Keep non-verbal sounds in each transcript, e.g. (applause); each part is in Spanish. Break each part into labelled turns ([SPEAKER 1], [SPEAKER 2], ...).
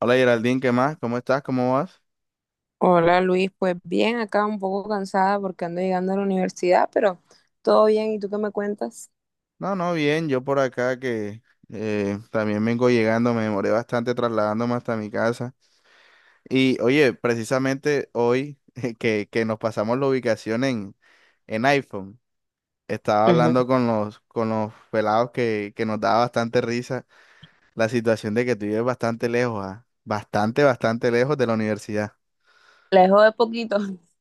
[SPEAKER 1] Hola Geraldine, ¿qué más? ¿Cómo estás? ¿Cómo vas?
[SPEAKER 2] Hola Luis, pues bien, acá un poco cansada porque ando llegando a la universidad, pero todo bien, ¿y tú qué me cuentas?
[SPEAKER 1] No, no, bien, yo por acá que también vengo llegando, me demoré bastante trasladándome hasta mi casa. Y oye, precisamente hoy (laughs) que nos pasamos la ubicación en iPhone, estaba
[SPEAKER 2] Ujú.
[SPEAKER 1] hablando con los pelados que nos daba bastante risa la situación de que tú vives bastante lejos, ah, bastante, bastante lejos de la universidad.
[SPEAKER 2] Lejos de poquito. (laughs)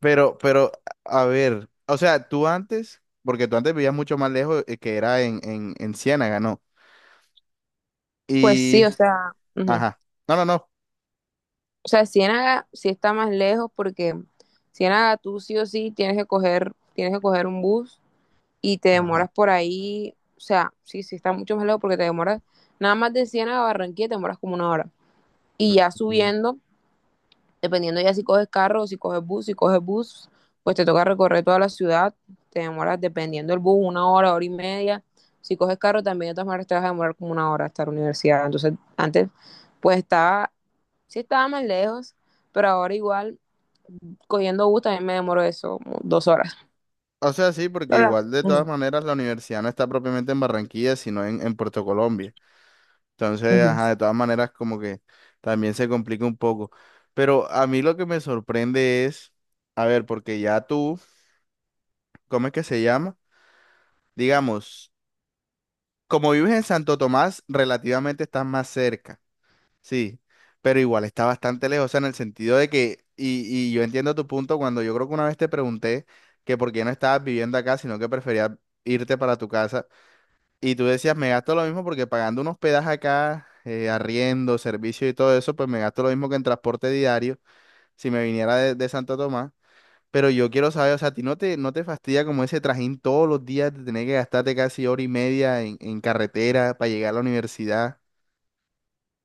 [SPEAKER 1] Pero, a ver, o sea, tú antes, porque tú antes vivías mucho más lejos, que era en Ciénaga, ¿no?
[SPEAKER 2] Pues sí,
[SPEAKER 1] Y,
[SPEAKER 2] o sea, ujú.
[SPEAKER 1] ajá, no, no, no.
[SPEAKER 2] O sea, Ciénaga sí está más lejos porque Ciénaga tú sí o sí tienes que coger un bus y te
[SPEAKER 1] Ajá, ajá.
[SPEAKER 2] demoras por ahí, o sea, sí, sí está mucho más lejos porque te demoras nada más de Ciénaga a Barranquilla te demoras como 1 hora. Y ya
[SPEAKER 1] Mm.
[SPEAKER 2] subiendo dependiendo ya si coges carro o si coges bus, pues te toca recorrer toda la ciudad, te demoras dependiendo del bus 1 hora, hora y media. Si coges carro también de todas maneras te vas a demorar como 1 hora hasta la universidad. Entonces antes pues estaba, sí estaba más lejos, pero ahora igual cogiendo bus también me demoro eso, como 2 horas.
[SPEAKER 1] O sea, sí, porque
[SPEAKER 2] Hola.
[SPEAKER 1] igual de todas
[SPEAKER 2] Ujú.
[SPEAKER 1] maneras la universidad no está propiamente en Barranquilla, sino en Puerto Colombia. Entonces,
[SPEAKER 2] Ujú.
[SPEAKER 1] ajá, de todas maneras como que también se complica un poco. Pero a mí lo que me sorprende es, a ver, porque ya tú, ¿cómo es que se llama? Digamos, como vives en Santo Tomás, relativamente estás más cerca. Sí, pero igual está bastante lejos, o sea, en el sentido de que, y yo entiendo tu punto cuando yo creo que una vez te pregunté que por qué no estabas viviendo acá, sino que preferías irte para tu casa, y tú decías, me gasto lo mismo porque pagando un hospedaje acá, arriendo, servicio y todo eso, pues me gasto lo mismo que en transporte diario si me viniera de Santo Tomás, pero yo quiero saber, o sea, ¿a ti no te fastidia como ese trajín todos los días de tener que gastarte casi hora y media en carretera para llegar a la universidad?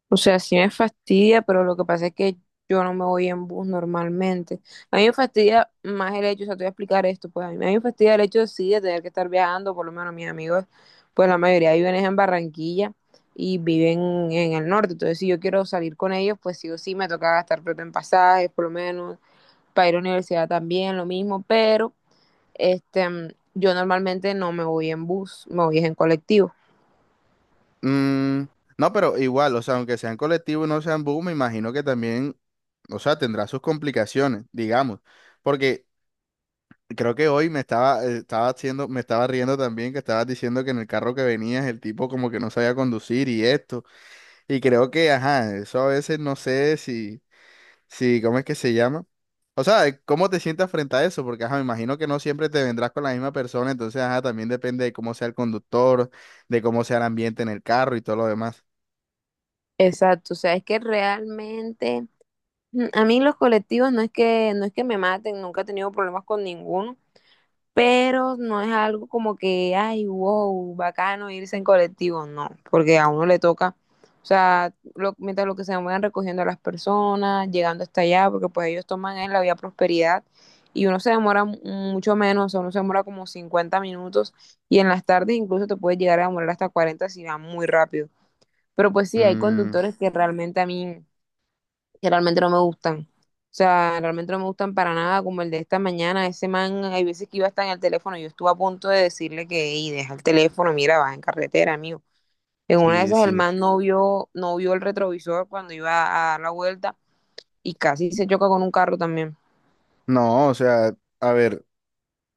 [SPEAKER 2] O sea, sí me fastidia, pero lo que pasa es que yo no me voy en bus normalmente. A mí me fastidia más el hecho, o sea, te voy a explicar esto, pues a mí me fastidia el hecho, sí, de tener que estar viajando, por lo menos mis amigos, pues la mayoría viven es en Barranquilla y viven en el norte, entonces si yo quiero salir con ellos, pues sí o sí me toca gastar plata en pasajes, por lo menos, para ir a la universidad también, lo mismo, pero este, yo normalmente no me voy en bus, me voy es en colectivo.
[SPEAKER 1] Mm, no, pero igual, o sea, aunque sean colectivos y no sean bus, me imagino que también, o sea, tendrá sus complicaciones, digamos, porque creo que hoy me estaba, estaba haciendo, me estaba riendo también que estabas diciendo que en el carro que venías el tipo como que no sabía conducir y esto, y creo que, ajá, eso a veces no sé si, si, ¿cómo es que se llama? O sea, ¿cómo te sientas frente a eso? Porque, ajá, me imagino que no siempre te vendrás con la misma persona, entonces, ajá, también depende de cómo sea el conductor, de cómo sea el ambiente en el carro y todo lo demás.
[SPEAKER 2] Exacto, o sea, es que realmente a mí los colectivos no es que me maten, nunca he tenido problemas con ninguno, pero no es algo como que, ay, wow, bacano irse en colectivo, no, porque a uno le toca, o sea, mientras lo que se van recogiendo a las personas, llegando hasta allá, porque pues ellos toman en la vía Prosperidad y uno se demora mucho menos, o sea, uno se demora como 50 minutos y en las tardes incluso te puedes llegar a demorar hasta 40 si va muy rápido. Pero pues sí, hay
[SPEAKER 1] Mm,
[SPEAKER 2] conductores que realmente no me gustan. O sea, realmente no me gustan para nada, como el de esta mañana, ese man, hay veces que iba hasta en el teléfono, yo estuve a punto de decirle que, hey, deja el teléfono, mira, vas en carretera, amigo. En una de
[SPEAKER 1] sí,
[SPEAKER 2] esas el
[SPEAKER 1] sí.
[SPEAKER 2] man no vio el retrovisor cuando iba a dar la vuelta y casi se choca con un carro también.
[SPEAKER 1] No, o sea, a ver,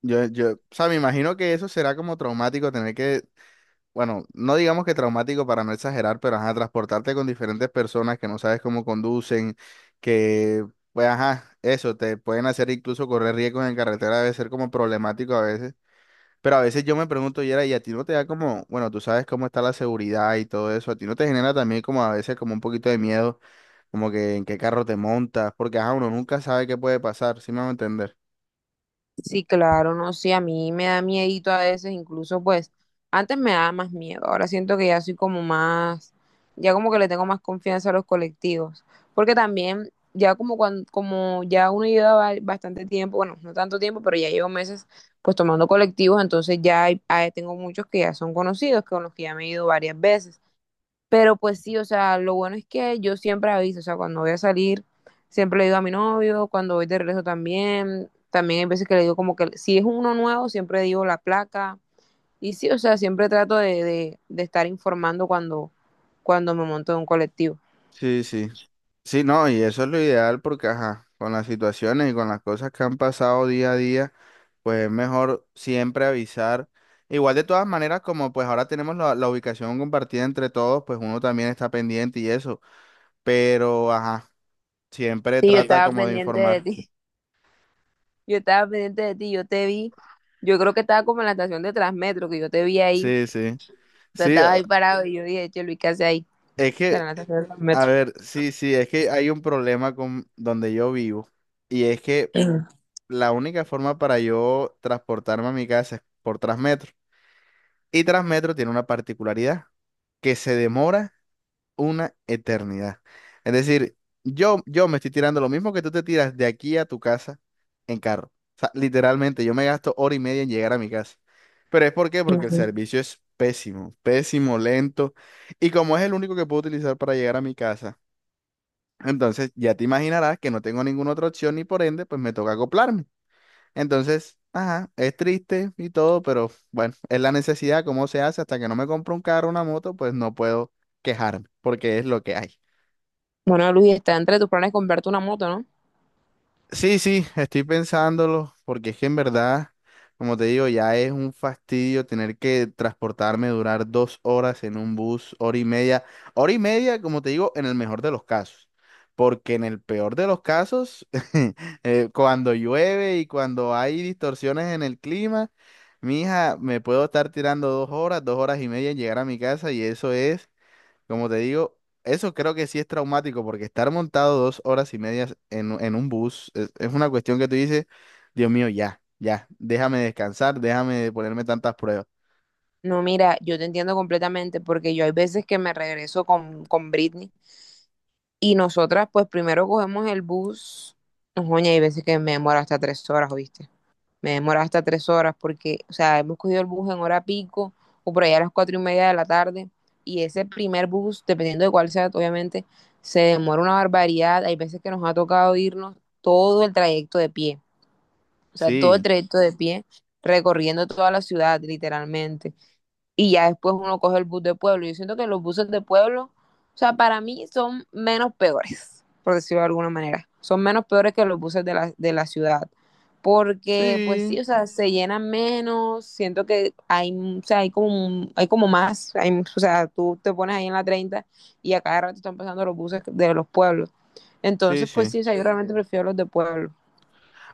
[SPEAKER 1] yo, o sea, me imagino que eso será como traumático tener que, bueno, no digamos que traumático para no exagerar, pero ajá, transportarte con diferentes personas que no sabes cómo conducen, que, pues ajá, eso, te pueden hacer incluso correr riesgos en carretera, debe ser como problemático a veces. Pero a veces yo me pregunto, Yera, y a ti no te da como, bueno, tú sabes cómo está la seguridad y todo eso, a ti no te genera también como a veces como un poquito de miedo como que en qué carro te montas, porque ajá, uno nunca sabe qué puede pasar, ¿sí me van a entender?
[SPEAKER 2] Sí, claro, no, sí, a mí me da miedito a veces, incluso pues antes me daba más miedo, ahora siento que ya soy como más, ya como que le tengo más confianza a los colectivos, porque también ya como cuando, como ya uno lleva bastante tiempo, bueno, no tanto tiempo, pero ya llevo meses pues tomando colectivos, entonces ya tengo muchos que ya son conocidos, con los que ya me he ido varias veces. Pero pues sí, o sea, lo bueno es que yo siempre aviso, o sea, cuando voy a salir, siempre le digo a mi novio, cuando voy de regreso también hay veces que le digo como que si es uno nuevo, siempre digo la placa. Y sí, o sea, siempre trato de estar informando cuando me monto en un colectivo.
[SPEAKER 1] Sí, sí. Sí, no, y eso es lo ideal porque, ajá, con las situaciones y con las cosas que han pasado día a día, pues es mejor siempre avisar. Igual de todas maneras, como pues ahora tenemos la ubicación compartida entre todos, pues uno también está pendiente y eso, pero, ajá, siempre
[SPEAKER 2] Sí, yo
[SPEAKER 1] trata
[SPEAKER 2] estaba
[SPEAKER 1] como de
[SPEAKER 2] pendiente de
[SPEAKER 1] informar.
[SPEAKER 2] ti, (laughs) yo estaba pendiente de ti, yo te vi, yo creo que estaba como en la estación de Transmetro, que yo te vi ahí, o
[SPEAKER 1] Sí, sí.
[SPEAKER 2] sea,
[SPEAKER 1] Sí,
[SPEAKER 2] estabas ahí parado y yo dije, che, Luis, ¿qué hace ahí?
[SPEAKER 1] es
[SPEAKER 2] Estaba
[SPEAKER 1] que,
[SPEAKER 2] en la estación de
[SPEAKER 1] a ver, sí, sí, es que hay un problema con donde yo vivo y es que la única forma para yo transportarme a mi casa es por Transmetro. Y Transmetro tiene una particularidad, que se demora una eternidad. Es decir, yo me estoy tirando lo mismo que tú te tiras de aquí a tu casa en carro. O sea, literalmente, yo me gasto hora y media en llegar a mi casa. Pero es por qué, porque el
[SPEAKER 2] Transmetro.
[SPEAKER 1] servicio es pésimo, pésimo, lento. Y como es el único que puedo utilizar para llegar a mi casa, entonces ya te imaginarás que no tengo ninguna otra opción y por ende, pues me toca acoplarme. Entonces, ajá, es triste y todo, pero bueno, es la necesidad, cómo se hace, hasta que no me compro un carro, una moto, pues no puedo quejarme, porque es lo que hay.
[SPEAKER 2] Bueno, Luis, está entre tus planes comprarte una moto, ¿no?
[SPEAKER 1] Sí, sí, estoy pensándolo, porque es que en verdad, como te digo, ya es un fastidio tener que transportarme, durar dos horas en un bus, hora y media, como te digo, en el mejor de los casos, porque en el peor de los casos, (laughs) cuando llueve y cuando hay distorsiones en el clima, mija, me puedo estar tirando dos horas y media en llegar a mi casa y eso es como te digo, eso creo que sí es traumático porque estar montado dos horas y medias en, en un bus es una cuestión que tú dices, Dios mío, ya, ya, déjame descansar, déjame ponerme tantas pruebas.
[SPEAKER 2] No, mira, yo te entiendo completamente porque yo hay veces que me regreso con Britney y nosotras pues primero cogemos el bus, no, joña, hay veces que me demora hasta 3 horas, ¿oíste? Me demora hasta tres horas porque, o sea, hemos cogido el bus en hora pico o por allá a las 4:30 de la tarde y ese primer bus, dependiendo de cuál sea, obviamente, se demora una barbaridad. Hay veces que nos ha tocado irnos todo el trayecto de pie. O sea, todo el
[SPEAKER 1] Sí,
[SPEAKER 2] trayecto de pie, recorriendo toda la ciudad, literalmente. Y ya después uno coge el bus de pueblo. Yo siento que los buses de pueblo, o sea, para mí son menos peores, por decirlo de alguna manera. Son menos peores que los buses de la ciudad. Porque, pues
[SPEAKER 1] sí,
[SPEAKER 2] sí, o sea, se llenan menos, siento que hay, o sea, hay como, hay como más, o sea, tú te pones ahí en la 30 y a cada rato están pasando los buses de los pueblos.
[SPEAKER 1] sí,
[SPEAKER 2] Entonces, pues
[SPEAKER 1] sí.
[SPEAKER 2] sí, o sea, yo realmente prefiero los de pueblo.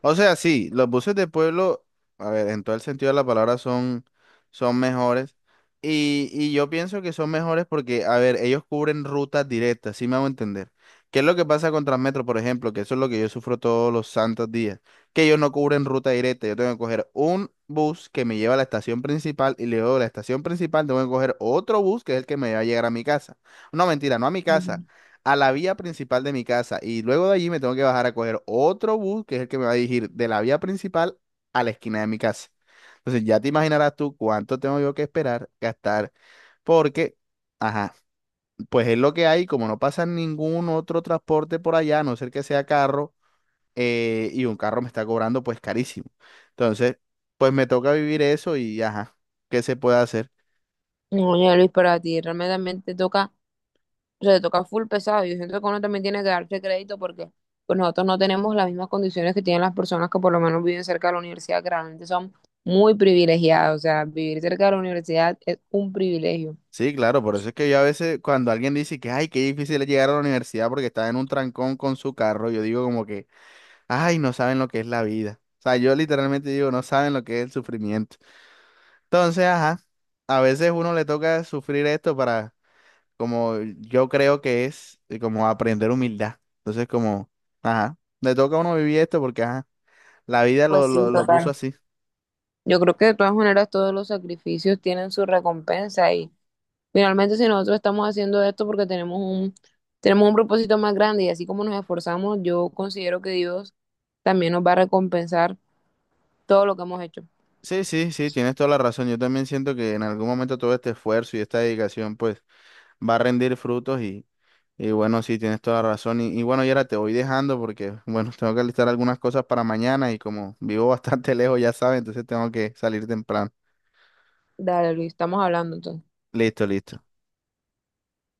[SPEAKER 1] O sea, sí, los buses de pueblo, a ver, en todo el sentido de la palabra son, son mejores. Y yo pienso que son mejores porque, a ver, ellos cubren rutas directas, ¿sí me hago entender? ¿Qué es lo que pasa con Transmetro, por ejemplo? Que eso es lo que yo sufro todos los santos días, que ellos no cubren ruta directa. Yo tengo que coger un bus que me lleva a la estación principal y luego de la estación principal tengo que coger otro bus que es el que me va a llegar a mi casa. No, mentira, no a mi casa, a la vía principal de mi casa y luego de allí me tengo que bajar a coger otro bus que es el que me va a dirigir de la vía principal a la esquina de mi casa. Entonces ya te imaginarás tú cuánto tengo yo que esperar, gastar, porque, ajá, pues es lo que hay, como no pasa ningún otro transporte por allá, a no ser que sea carro, y un carro me está cobrando pues carísimo. Entonces, pues me toca vivir eso y ajá, ¿qué se puede hacer?
[SPEAKER 2] Oye, Luis, para ti realmente también te toca, o sea, te toca full pesado. Yo siento que uno también tiene que darse crédito porque pues nosotros no tenemos las mismas condiciones que tienen las personas que por lo menos viven cerca de la universidad, que realmente son muy privilegiados. O sea, vivir cerca de la universidad es un privilegio.
[SPEAKER 1] Sí, claro, por eso es que yo a veces cuando alguien dice que, ay, qué difícil es llegar a la universidad porque está en un trancón con su carro, yo digo como que, ay, no saben lo que es la vida. O sea, yo literalmente digo, no saben lo que es el sufrimiento. Entonces, ajá, a veces uno le toca sufrir esto para, como yo creo que es, como aprender humildad. Entonces, como, ajá, le toca a uno vivir esto porque, ajá, la vida lo,
[SPEAKER 2] Pues sí,
[SPEAKER 1] lo, lo puso
[SPEAKER 2] total.
[SPEAKER 1] así.
[SPEAKER 2] Yo creo que de todas maneras todos los sacrificios tienen su recompensa y finalmente si nosotros estamos haciendo esto porque tenemos un propósito más grande y así como nos esforzamos, yo considero que Dios también nos va a recompensar todo lo que hemos hecho.
[SPEAKER 1] Sí, sí, sí, tienes toda la razón. Yo también siento que en algún momento todo este esfuerzo y esta dedicación, pues va a rendir frutos y bueno, sí, tienes toda la razón. Y bueno, Yera, te voy dejando porque, bueno, tengo que listar algunas cosas para mañana y como vivo (laughs) bastante lejos, ya sabes, entonces tengo que salir temprano.
[SPEAKER 2] Dale, Luis, estamos hablando entonces.
[SPEAKER 1] Listo, listo.